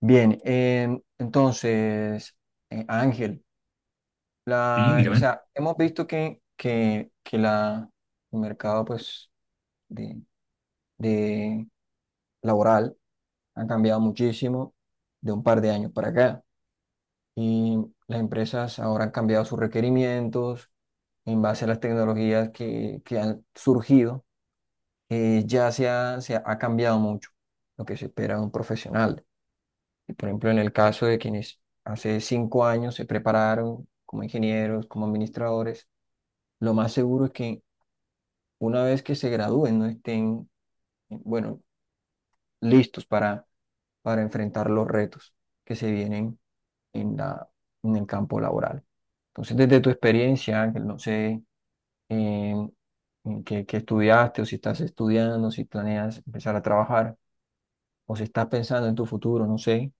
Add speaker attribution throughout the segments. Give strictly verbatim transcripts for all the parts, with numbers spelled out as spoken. Speaker 1: Bien, em, entonces, eh, Ángel,
Speaker 2: Sí,
Speaker 1: la, o
Speaker 2: dígame.
Speaker 1: sea, hemos visto que, que, que la, el mercado pues, de, de laboral ha cambiado muchísimo de un par de años para acá. Y las empresas ahora han cambiado sus requerimientos en base a las tecnologías que, que han surgido. eh, ya se ha, se ha cambiado mucho lo que se espera de un profesional. Y, Por ejemplo, en el caso de quienes hace cinco años se prepararon como ingenieros, como administradores, lo más seguro es que una vez que se gradúen no estén, eh, bueno, listos para, para enfrentar los retos que se vienen en la, en el campo laboral. Entonces, desde tu experiencia, Ángel, no sé eh, en qué, qué estudiaste o si estás estudiando, si planeas empezar a trabajar o si estás pensando en tu futuro, no sé.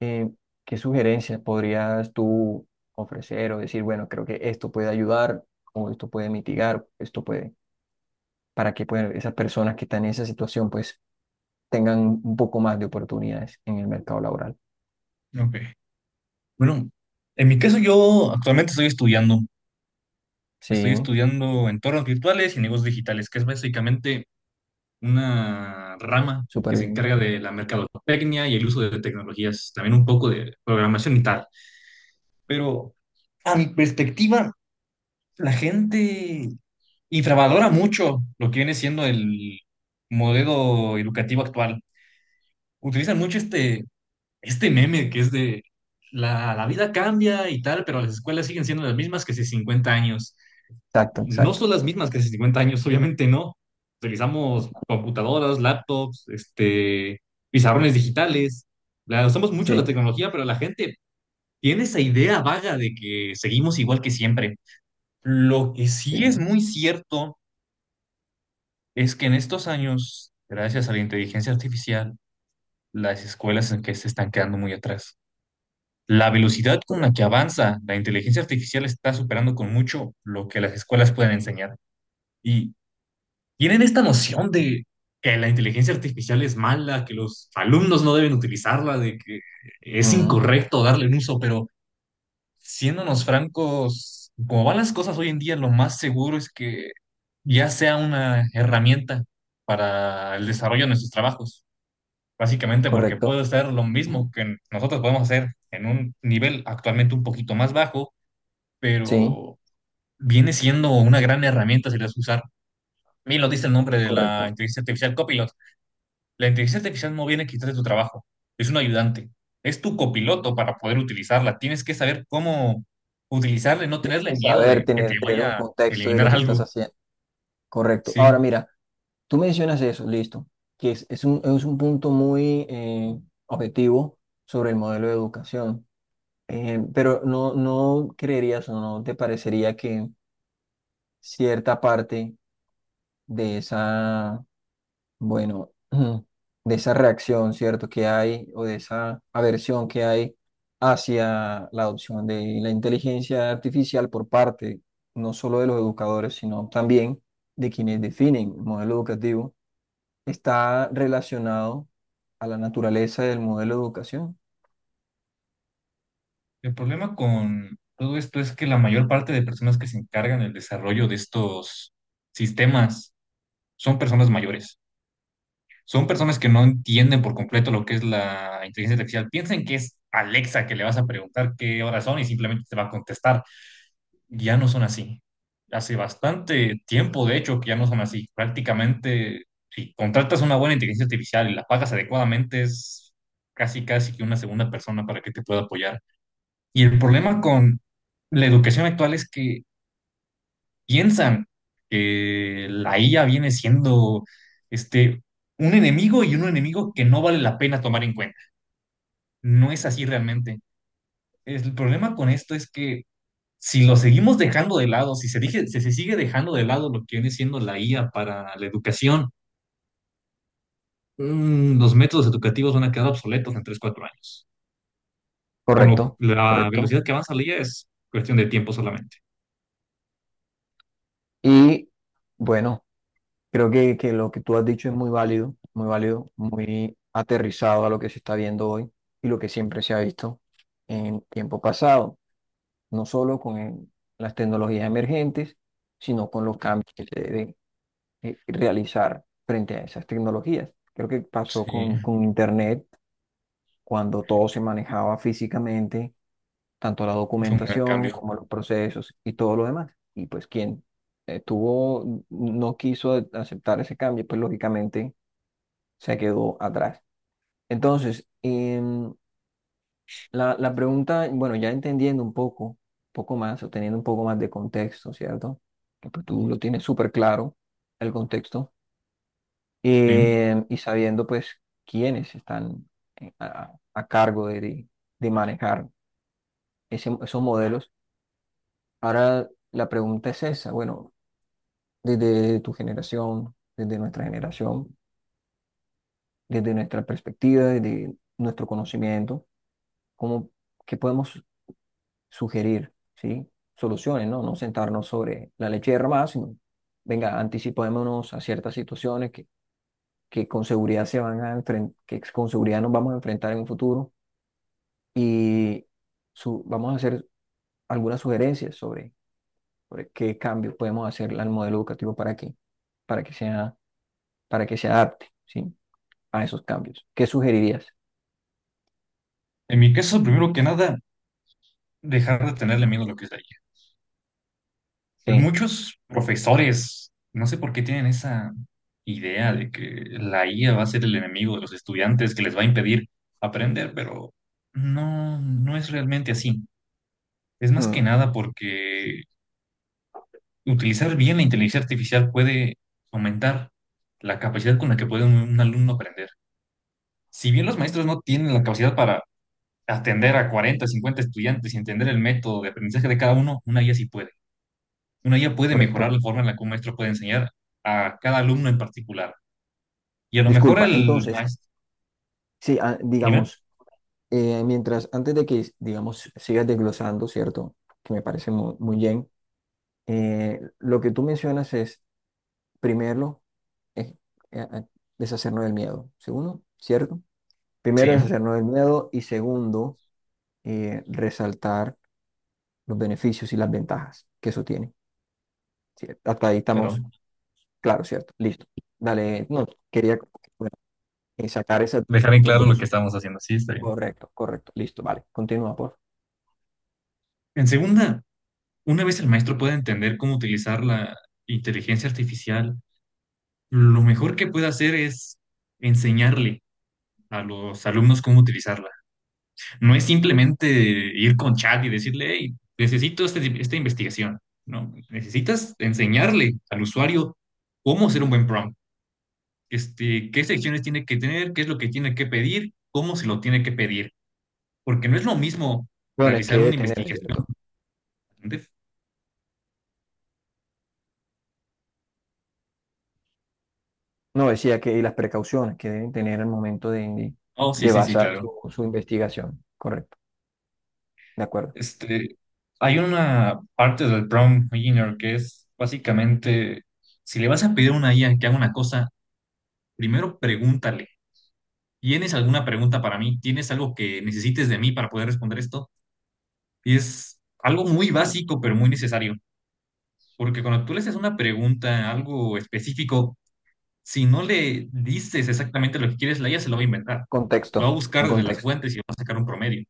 Speaker 1: eh, ¿Qué sugerencias podrías tú ofrecer o decir, bueno, creo que esto puede ayudar o esto puede mitigar, esto puede, para que pues, esas personas que están en esa situación pues tengan un poco más de oportunidades en el mercado laboral?
Speaker 2: Ok. Bueno, en mi caso yo actualmente estoy estudiando, estoy
Speaker 1: Sí.
Speaker 2: estudiando entornos virtuales y negocios digitales, que es básicamente una
Speaker 1: Bien,
Speaker 2: rama
Speaker 1: súper
Speaker 2: que se
Speaker 1: bien.
Speaker 2: encarga de la mercadotecnia y el uso de tecnologías, también un poco de programación y tal. Pero a mi perspectiva, la gente infravalora mucho lo que viene siendo el modelo educativo actual. Utilizan mucho este este meme que es de la, la vida cambia y tal, pero las escuelas siguen siendo las mismas que hace cincuenta años.
Speaker 1: Exacto,
Speaker 2: No
Speaker 1: exacto.
Speaker 2: son las mismas que hace cincuenta años, obviamente no. Utilizamos computadoras, laptops, este, pizarrones digitales. La, usamos mucho
Speaker 1: Sí,
Speaker 2: la tecnología, pero la gente tiene esa idea vaga de que seguimos igual que siempre. Lo que sí es
Speaker 1: sí.
Speaker 2: muy cierto es que en estos años, gracias a la inteligencia artificial, las escuelas en que se están quedando muy atrás. La velocidad con la que avanza la inteligencia artificial está superando con mucho lo que las escuelas pueden enseñar. Y tienen esta noción de que la inteligencia artificial es mala, que los alumnos no deben utilizarla, de que es
Speaker 1: Ujú,
Speaker 2: incorrecto darle un uso, pero siéndonos francos, como van las cosas hoy en día, lo más seguro es que ya sea una herramienta para el desarrollo de nuestros trabajos. Básicamente porque
Speaker 1: correcto.
Speaker 2: puede ser lo
Speaker 1: Ujú.
Speaker 2: mismo que nosotros podemos hacer en un nivel actualmente un poquito más bajo,
Speaker 1: Sí,
Speaker 2: pero viene siendo una gran herramienta si la sabes usar. Mira, lo dice el nombre de la
Speaker 1: correcto.
Speaker 2: inteligencia artificial, Copilot. La inteligencia artificial no viene a quitarte tu trabajo, es un ayudante, es tu copiloto para poder utilizarla. Tienes que saber cómo utilizarla y no tenerle
Speaker 1: Es
Speaker 2: miedo
Speaker 1: saber
Speaker 2: de que
Speaker 1: tener,
Speaker 2: te
Speaker 1: tener un
Speaker 2: vaya a
Speaker 1: contexto de lo
Speaker 2: eliminar
Speaker 1: que estás
Speaker 2: algo.
Speaker 1: haciendo. Correcto.
Speaker 2: Sí,
Speaker 1: Ahora mira. Tú mencionas eso, listo, que es, es un, es un punto muy eh, objetivo sobre el modelo de educación. Eh, pero no, no creerías o no te parecería que cierta parte de esa, bueno, de esa reacción, ¿cierto? Que hay o de esa aversión que hay hacia la adopción de la inteligencia artificial por parte no solo de los educadores, sino también de quienes definen el modelo educativo, está relacionado a la naturaleza del modelo de educación.
Speaker 2: el problema con todo esto es que la mayor parte de personas que se encargan del desarrollo de estos sistemas son personas mayores. Son personas que no entienden por completo lo que es la inteligencia artificial. Piensen que es Alexa, que le vas a preguntar qué horas son y simplemente te va a contestar. Ya no son así. Hace bastante tiempo, de hecho, que ya no son así. Prácticamente, si contratas una buena inteligencia artificial y la pagas adecuadamente, es casi, casi que una segunda persona para que te pueda apoyar. Y el problema con la educación actual es que piensan que la I A viene siendo este, un enemigo, y un enemigo que no vale la pena tomar en cuenta. No es así realmente. El problema con esto es que si lo seguimos dejando de lado, si se, dije- si se sigue dejando de lado lo que viene siendo la I A para la educación, mm, los métodos educativos van a quedar obsoletos en tres cuatro años. Con lo-
Speaker 1: Correcto,
Speaker 2: la
Speaker 1: correcto.
Speaker 2: velocidad que avanza la I A es cuestión de tiempo solamente.
Speaker 1: Y bueno, creo que, que lo que tú has dicho es muy válido, muy válido, muy aterrizado a lo que se está viendo hoy y lo que siempre se ha visto en tiempo pasado, no solo con el- las tecnologías emergentes, sino con los cambios que se deben eh, realizar frente a esas tecnologías. Creo que pasó
Speaker 2: Sí,
Speaker 1: con, con Internet cuando todo se manejaba físicamente, tanto la
Speaker 2: fue un gran
Speaker 1: documentación
Speaker 2: cambio.
Speaker 1: como los procesos y todo lo demás. Y pues quien eh, tuvo, no quiso aceptar ese cambio, pues lógicamente se quedó atrás. Entonces, em, la, la pregunta, bueno, ya entendiendo un poco, poco más, o teniendo un poco más de contexto, ¿cierto? Que pues tú lo tienes súper claro, el contexto,
Speaker 2: Sí.
Speaker 1: em, y sabiendo pues quiénes están eh, a, a cargo de, de de manejar ese- esos modelos. Ahora la pregunta es esa, bueno, desde tu generación, desde nuestra generación, desde nuestra perspectiva, desde nuestro conocimiento, ¿cómo, qué podemos sugerir? ¿Sí? Soluciones, ¿no? No sentarnos sobre la leche derramada, sino, venga, anticipémonos a ciertas situaciones que, que con seguridad se van a enfrentar, que con seguridad nos vamos a enfrentar en un futuro. Y su- vamos a hacer algunas sugerencias sobre. sobre qué cambio podemos hacer al modelo educativo para que, para que sea, para que se adapte, ¿sí? A esos cambios. ¿Qué sugerirías?
Speaker 2: En mi caso, primero que nada, dejar de tenerle miedo a lo que es la I A.
Speaker 1: Sí,
Speaker 2: Muchos profesores, no sé por qué tienen esa idea de que la I A va a ser el enemigo de los estudiantes, que les va a impedir aprender, pero no, no es realmente así. Es más que
Speaker 1: mm,
Speaker 2: nada porque utilizar bien la inteligencia artificial puede aumentar la capacidad con la que puede un, un alumno aprender. Si bien los maestros no tienen la capacidad para atender a cuarenta cincuenta estudiantes y entender el método de aprendizaje de cada uno, una I A sí puede. Una I A puede mejorar
Speaker 1: correcto.
Speaker 2: la forma en la que un maestro puede enseñar a cada alumno en particular. Y a lo mejor
Speaker 1: Disculpa,
Speaker 2: el
Speaker 1: entonces,
Speaker 2: maestro.
Speaker 1: sí, ah,
Speaker 2: Dime.
Speaker 1: digamos, eh, mientras, antes de que, digamos, sigas desglosando, ¿cierto? Que me parece mu- muy bien, eh, lo que tú mencionas es, primero, es, eh, eh, deshacernos del miedo, segundo, ¿cierto? Primero,
Speaker 2: Sí,
Speaker 1: deshacernos del miedo y segundo, eh, resaltar los beneficios y las ventajas que eso tiene. Sí, hasta ahí
Speaker 2: pero
Speaker 1: estamos, claro, ¿cierto? Listo. Dale, no, quería bueno, eh, sacar esas-
Speaker 2: dejar en
Speaker 1: esos
Speaker 2: claro lo que
Speaker 1: dos.
Speaker 2: estamos haciendo. Sí, está bien.
Speaker 1: Correcto, correcto. Listo, vale. Continúa, por favor.
Speaker 2: En segunda, una vez el maestro pueda entender cómo utilizar la inteligencia artificial, lo mejor que puede hacer es enseñarle a los alumnos cómo utilizarla. No es simplemente ir con chat y decirle, hey, necesito este- esta investigación. No, necesitas enseñarle al usuario cómo hacer un buen prompt, este, qué secciones tiene que tener, qué es lo que tiene que pedir, cómo se lo tiene que pedir. Porque no es lo mismo
Speaker 1: Bueno, es que
Speaker 2: realizar
Speaker 1: debe
Speaker 2: una
Speaker 1: tener,
Speaker 2: investigación.
Speaker 1: ¿cierto?
Speaker 2: ¿Entiendes?
Speaker 1: No, decía que y las precauciones que deben tener al momento de, de-
Speaker 2: Oh, sí,
Speaker 1: de
Speaker 2: sí, sí,
Speaker 1: basar su,
Speaker 2: claro.
Speaker 1: su investigación. Correcto, de acuerdo.
Speaker 2: Este, hay una parte del prompt engineer que es básicamente, si le vas a pedir a una I A que haga una cosa, primero pregúntale, ¿tienes alguna pregunta para mí? ¿Tienes algo que necesites de mí para poder responder esto? Y es algo muy básico, pero muy necesario. Porque cuando tú le haces una pregunta, algo específico, si no le dices exactamente lo que quieres, la I A se lo va a inventar.
Speaker 1: Contexto,
Speaker 2: Lo va a
Speaker 1: un
Speaker 2: buscar desde las
Speaker 1: contexto.
Speaker 2: fuentes y va a sacar un promedio.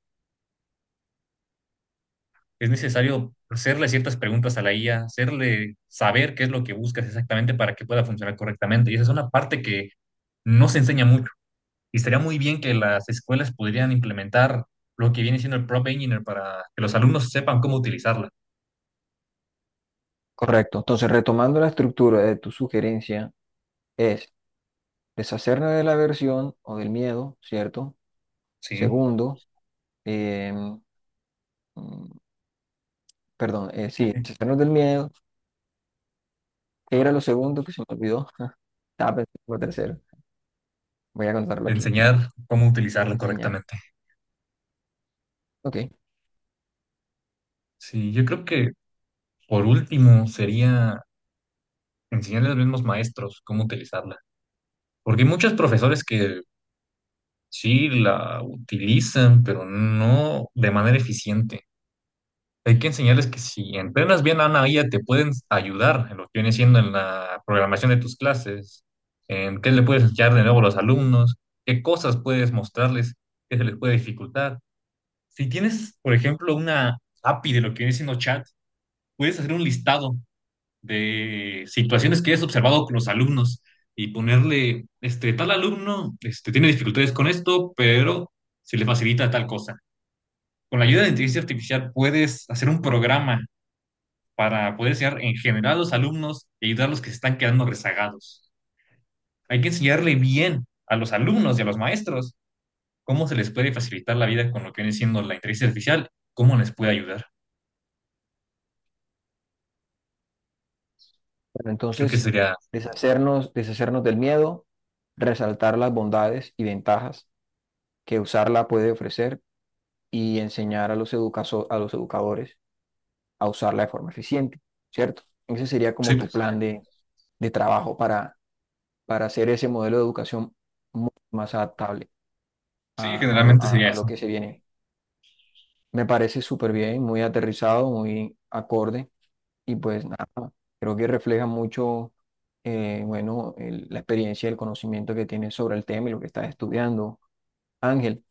Speaker 2: Es necesario hacerle ciertas preguntas a la I A, hacerle saber qué es lo que buscas exactamente para que pueda funcionar correctamente. Y esa es una parte que no se enseña mucho. Y estaría muy bien que las escuelas pudieran implementar lo que viene siendo el prompt engineer para que los alumnos sepan cómo utilizarla,
Speaker 1: Correcto. Entonces, retomando la estructura de tu sugerencia, es deshacernos de la aversión o del miedo, ¿cierto?
Speaker 2: ¿sí?
Speaker 1: Segundo, em, mm, perdón, eh, sí, deshacernos del miedo. ¿Qué era lo segundo que se me olvidó? Estaba pensando en lo tercero. Voy a contarlo aquí.
Speaker 2: Enseñar cómo utilizarla
Speaker 1: Enseñar.
Speaker 2: correctamente.
Speaker 1: Ok. Bueno,
Speaker 2: Sí, yo creo que por último sería enseñarle a los mismos maestros cómo utilizarla. Porque hay muchos profesores que sí la utilizan, pero no de manera eficiente. Hay que enseñarles que si entrenas bien a una I A, te pueden ayudar en lo que viene siendo en la programación de tus clases, en qué le puedes enseñar de nuevo a los alumnos, qué cosas puedes mostrarles, qué se les puede dificultar. Si tienes, por ejemplo, una A P I de lo que viene siendo chat, puedes hacer un listado de situaciones que hayas observado con los alumnos y ponerle, este, tal alumno, este, tiene dificultades con esto, pero se le facilita tal cosa. Con la ayuda de inteligencia artificial puedes hacer un programa para poder enseñar en general a los alumnos y ayudar a los que se están quedando rezagados. Hay que enseñarle bien a los alumnos y a los maestros cómo se les puede facilitar la vida con lo que viene siendo la inteligencia artificial, cómo les puede ayudar. Creo que
Speaker 1: entonces,
Speaker 2: sería,
Speaker 1: deshacernos, deshacernos del miedo, resaltar las bondades y ventajas que usarla puede ofrecer y enseñar a los educazo- a los educadores a usarla de forma eficiente, ¿cierto? Ese sería como
Speaker 2: sí,
Speaker 1: tu plan de, de trabajo para, para hacer ese modelo de educación mu- más adaptable
Speaker 2: sí,
Speaker 1: a, a lo,
Speaker 2: generalmente
Speaker 1: a
Speaker 2: sería
Speaker 1: a lo
Speaker 2: eso,
Speaker 1: que se viene. Me parece súper bien, muy aterrizado, muy acorde. Y pues nada, creo que refleja mucho, eh, bueno, el- la experiencia, el conocimiento que tienes sobre el tema y lo que estás estudiando, Ángel.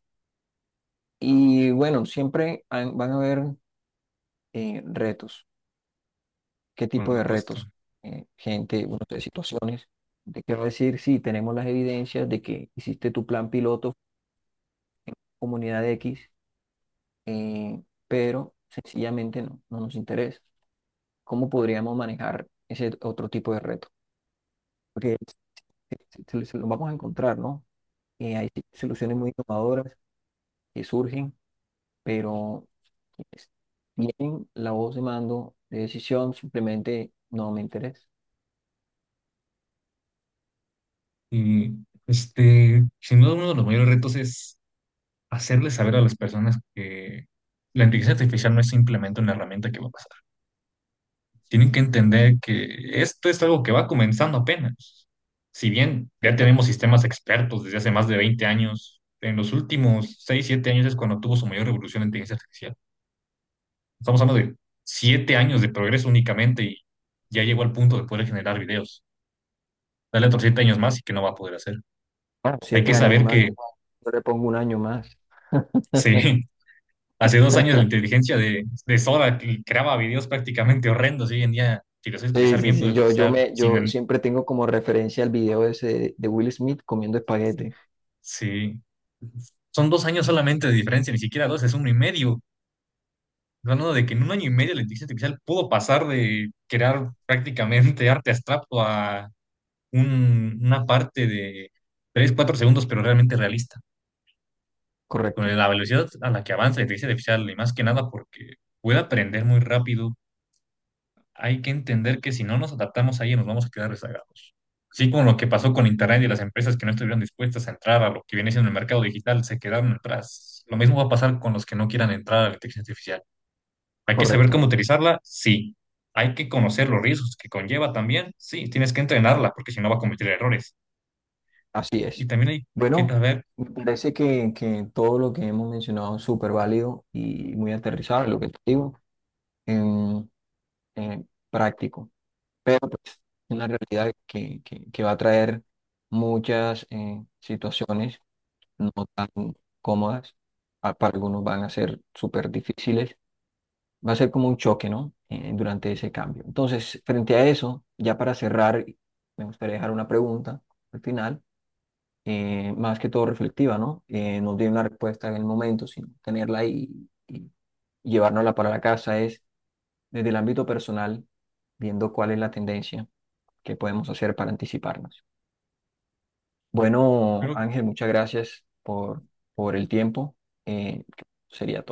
Speaker 1: Y bueno, siempre han- van a haber eh, retos. ¿Qué
Speaker 2: por
Speaker 1: tipo de
Speaker 2: supuesto.
Speaker 1: retos? Eh, gente, bueno, de situaciones. Te quiero decir, sí, tenemos las evidencias de que hiciste tu plan piloto, comunidad X, eh, pero sencillamente no, no nos interesa. ¿Cómo podríamos manejar ese otro tipo de reto? Porque se- se- se se lo vamos a encontrar, ¿no? Eh, hay soluciones muy innovadoras que surgen, pero quienes tienen la voz de mando de decisión, simplemente no me interesa.
Speaker 2: Y este, sin duda uno de los mayores retos es hacerles saber a las personas que la inteligencia artificial no es simplemente una herramienta que va a pasar. Tienen que entender que esto es algo que va comenzando apenas. Si bien ya
Speaker 1: Perfecto.
Speaker 2: tenemos sistemas expertos desde hace más de veinte años, en los últimos seis siete años es cuando tuvo su mayor revolución la inteligencia artificial. Estamos hablando de siete años de progreso únicamente y ya llegó al punto de poder generar videos. Dale otros siete años más y que no va a poder hacer.
Speaker 1: Ah,
Speaker 2: Hay que
Speaker 1: siete años
Speaker 2: saber
Speaker 1: más,
Speaker 2: que
Speaker 1: yo le pongo un año más.
Speaker 2: sí, hace dos años la inteligencia de, de Sora que creaba videos prácticamente horrendos y hoy en día, si lo sabes
Speaker 1: Sí,
Speaker 2: utilizar
Speaker 1: sí,
Speaker 2: bien,
Speaker 1: sí,
Speaker 2: puedes
Speaker 1: yo, yo,
Speaker 2: utilizar
Speaker 1: me,
Speaker 2: sin.
Speaker 1: yo
Speaker 2: el-
Speaker 1: siempre tengo como referencia el video ese de Will Smith comiendo espaguete.
Speaker 2: Sí, son dos años solamente de diferencia, ni siquiera dos, es uno y medio. Hablando de que en un año y medio la inteligencia artificial pudo pasar de crear prácticamente arte abstracto a un- una parte de tres cuatro segundos, pero realmente realista. Con
Speaker 1: Correcto,
Speaker 2: la velocidad a la que avanza la inteligencia artificial, y más que nada porque puede aprender muy rápido, hay que entender que si no nos adaptamos ahí nos vamos a quedar rezagados. Sí, como lo que pasó con Internet y las empresas que no estuvieron dispuestas a entrar a lo que viene siendo el mercado digital se quedaron atrás. Lo mismo va a pasar con los que no quieran entrar a la inteligencia artificial. ¿Hay que saber
Speaker 1: correcto,
Speaker 2: cómo utilizarla? Sí. ¿Hay que conocer los riesgos que conlleva también? Sí, tienes que entrenarla porque si no va a cometer errores.
Speaker 1: así
Speaker 2: Y
Speaker 1: es.
Speaker 2: también hay que
Speaker 1: Bueno,
Speaker 2: saber,
Speaker 1: me parece que, que todo lo que hemos mencionado es súper válido y muy aterrizado, lo que te digo. Em, eh, práctico, pero pues una realidad que, que- que va a traer muchas eh, situaciones no tan cómodas, a- para algunos van a ser súper difíciles, va a ser como un choque, ¿no? Eh, durante ese cambio. Entonces, frente a eso, ya para cerrar, me gustaría dejar una pregunta al final, eh, más que todo reflectiva, ¿no? Eh, no tiene una respuesta en el momento, sino tenerla y, y llevárnosla para la casa es desde el ámbito personal, viendo cuál es la tendencia que podemos hacer para anticiparnos. Bueno,
Speaker 2: creo
Speaker 1: Ángel, muchas gracias por, por el tiempo. Eh, sería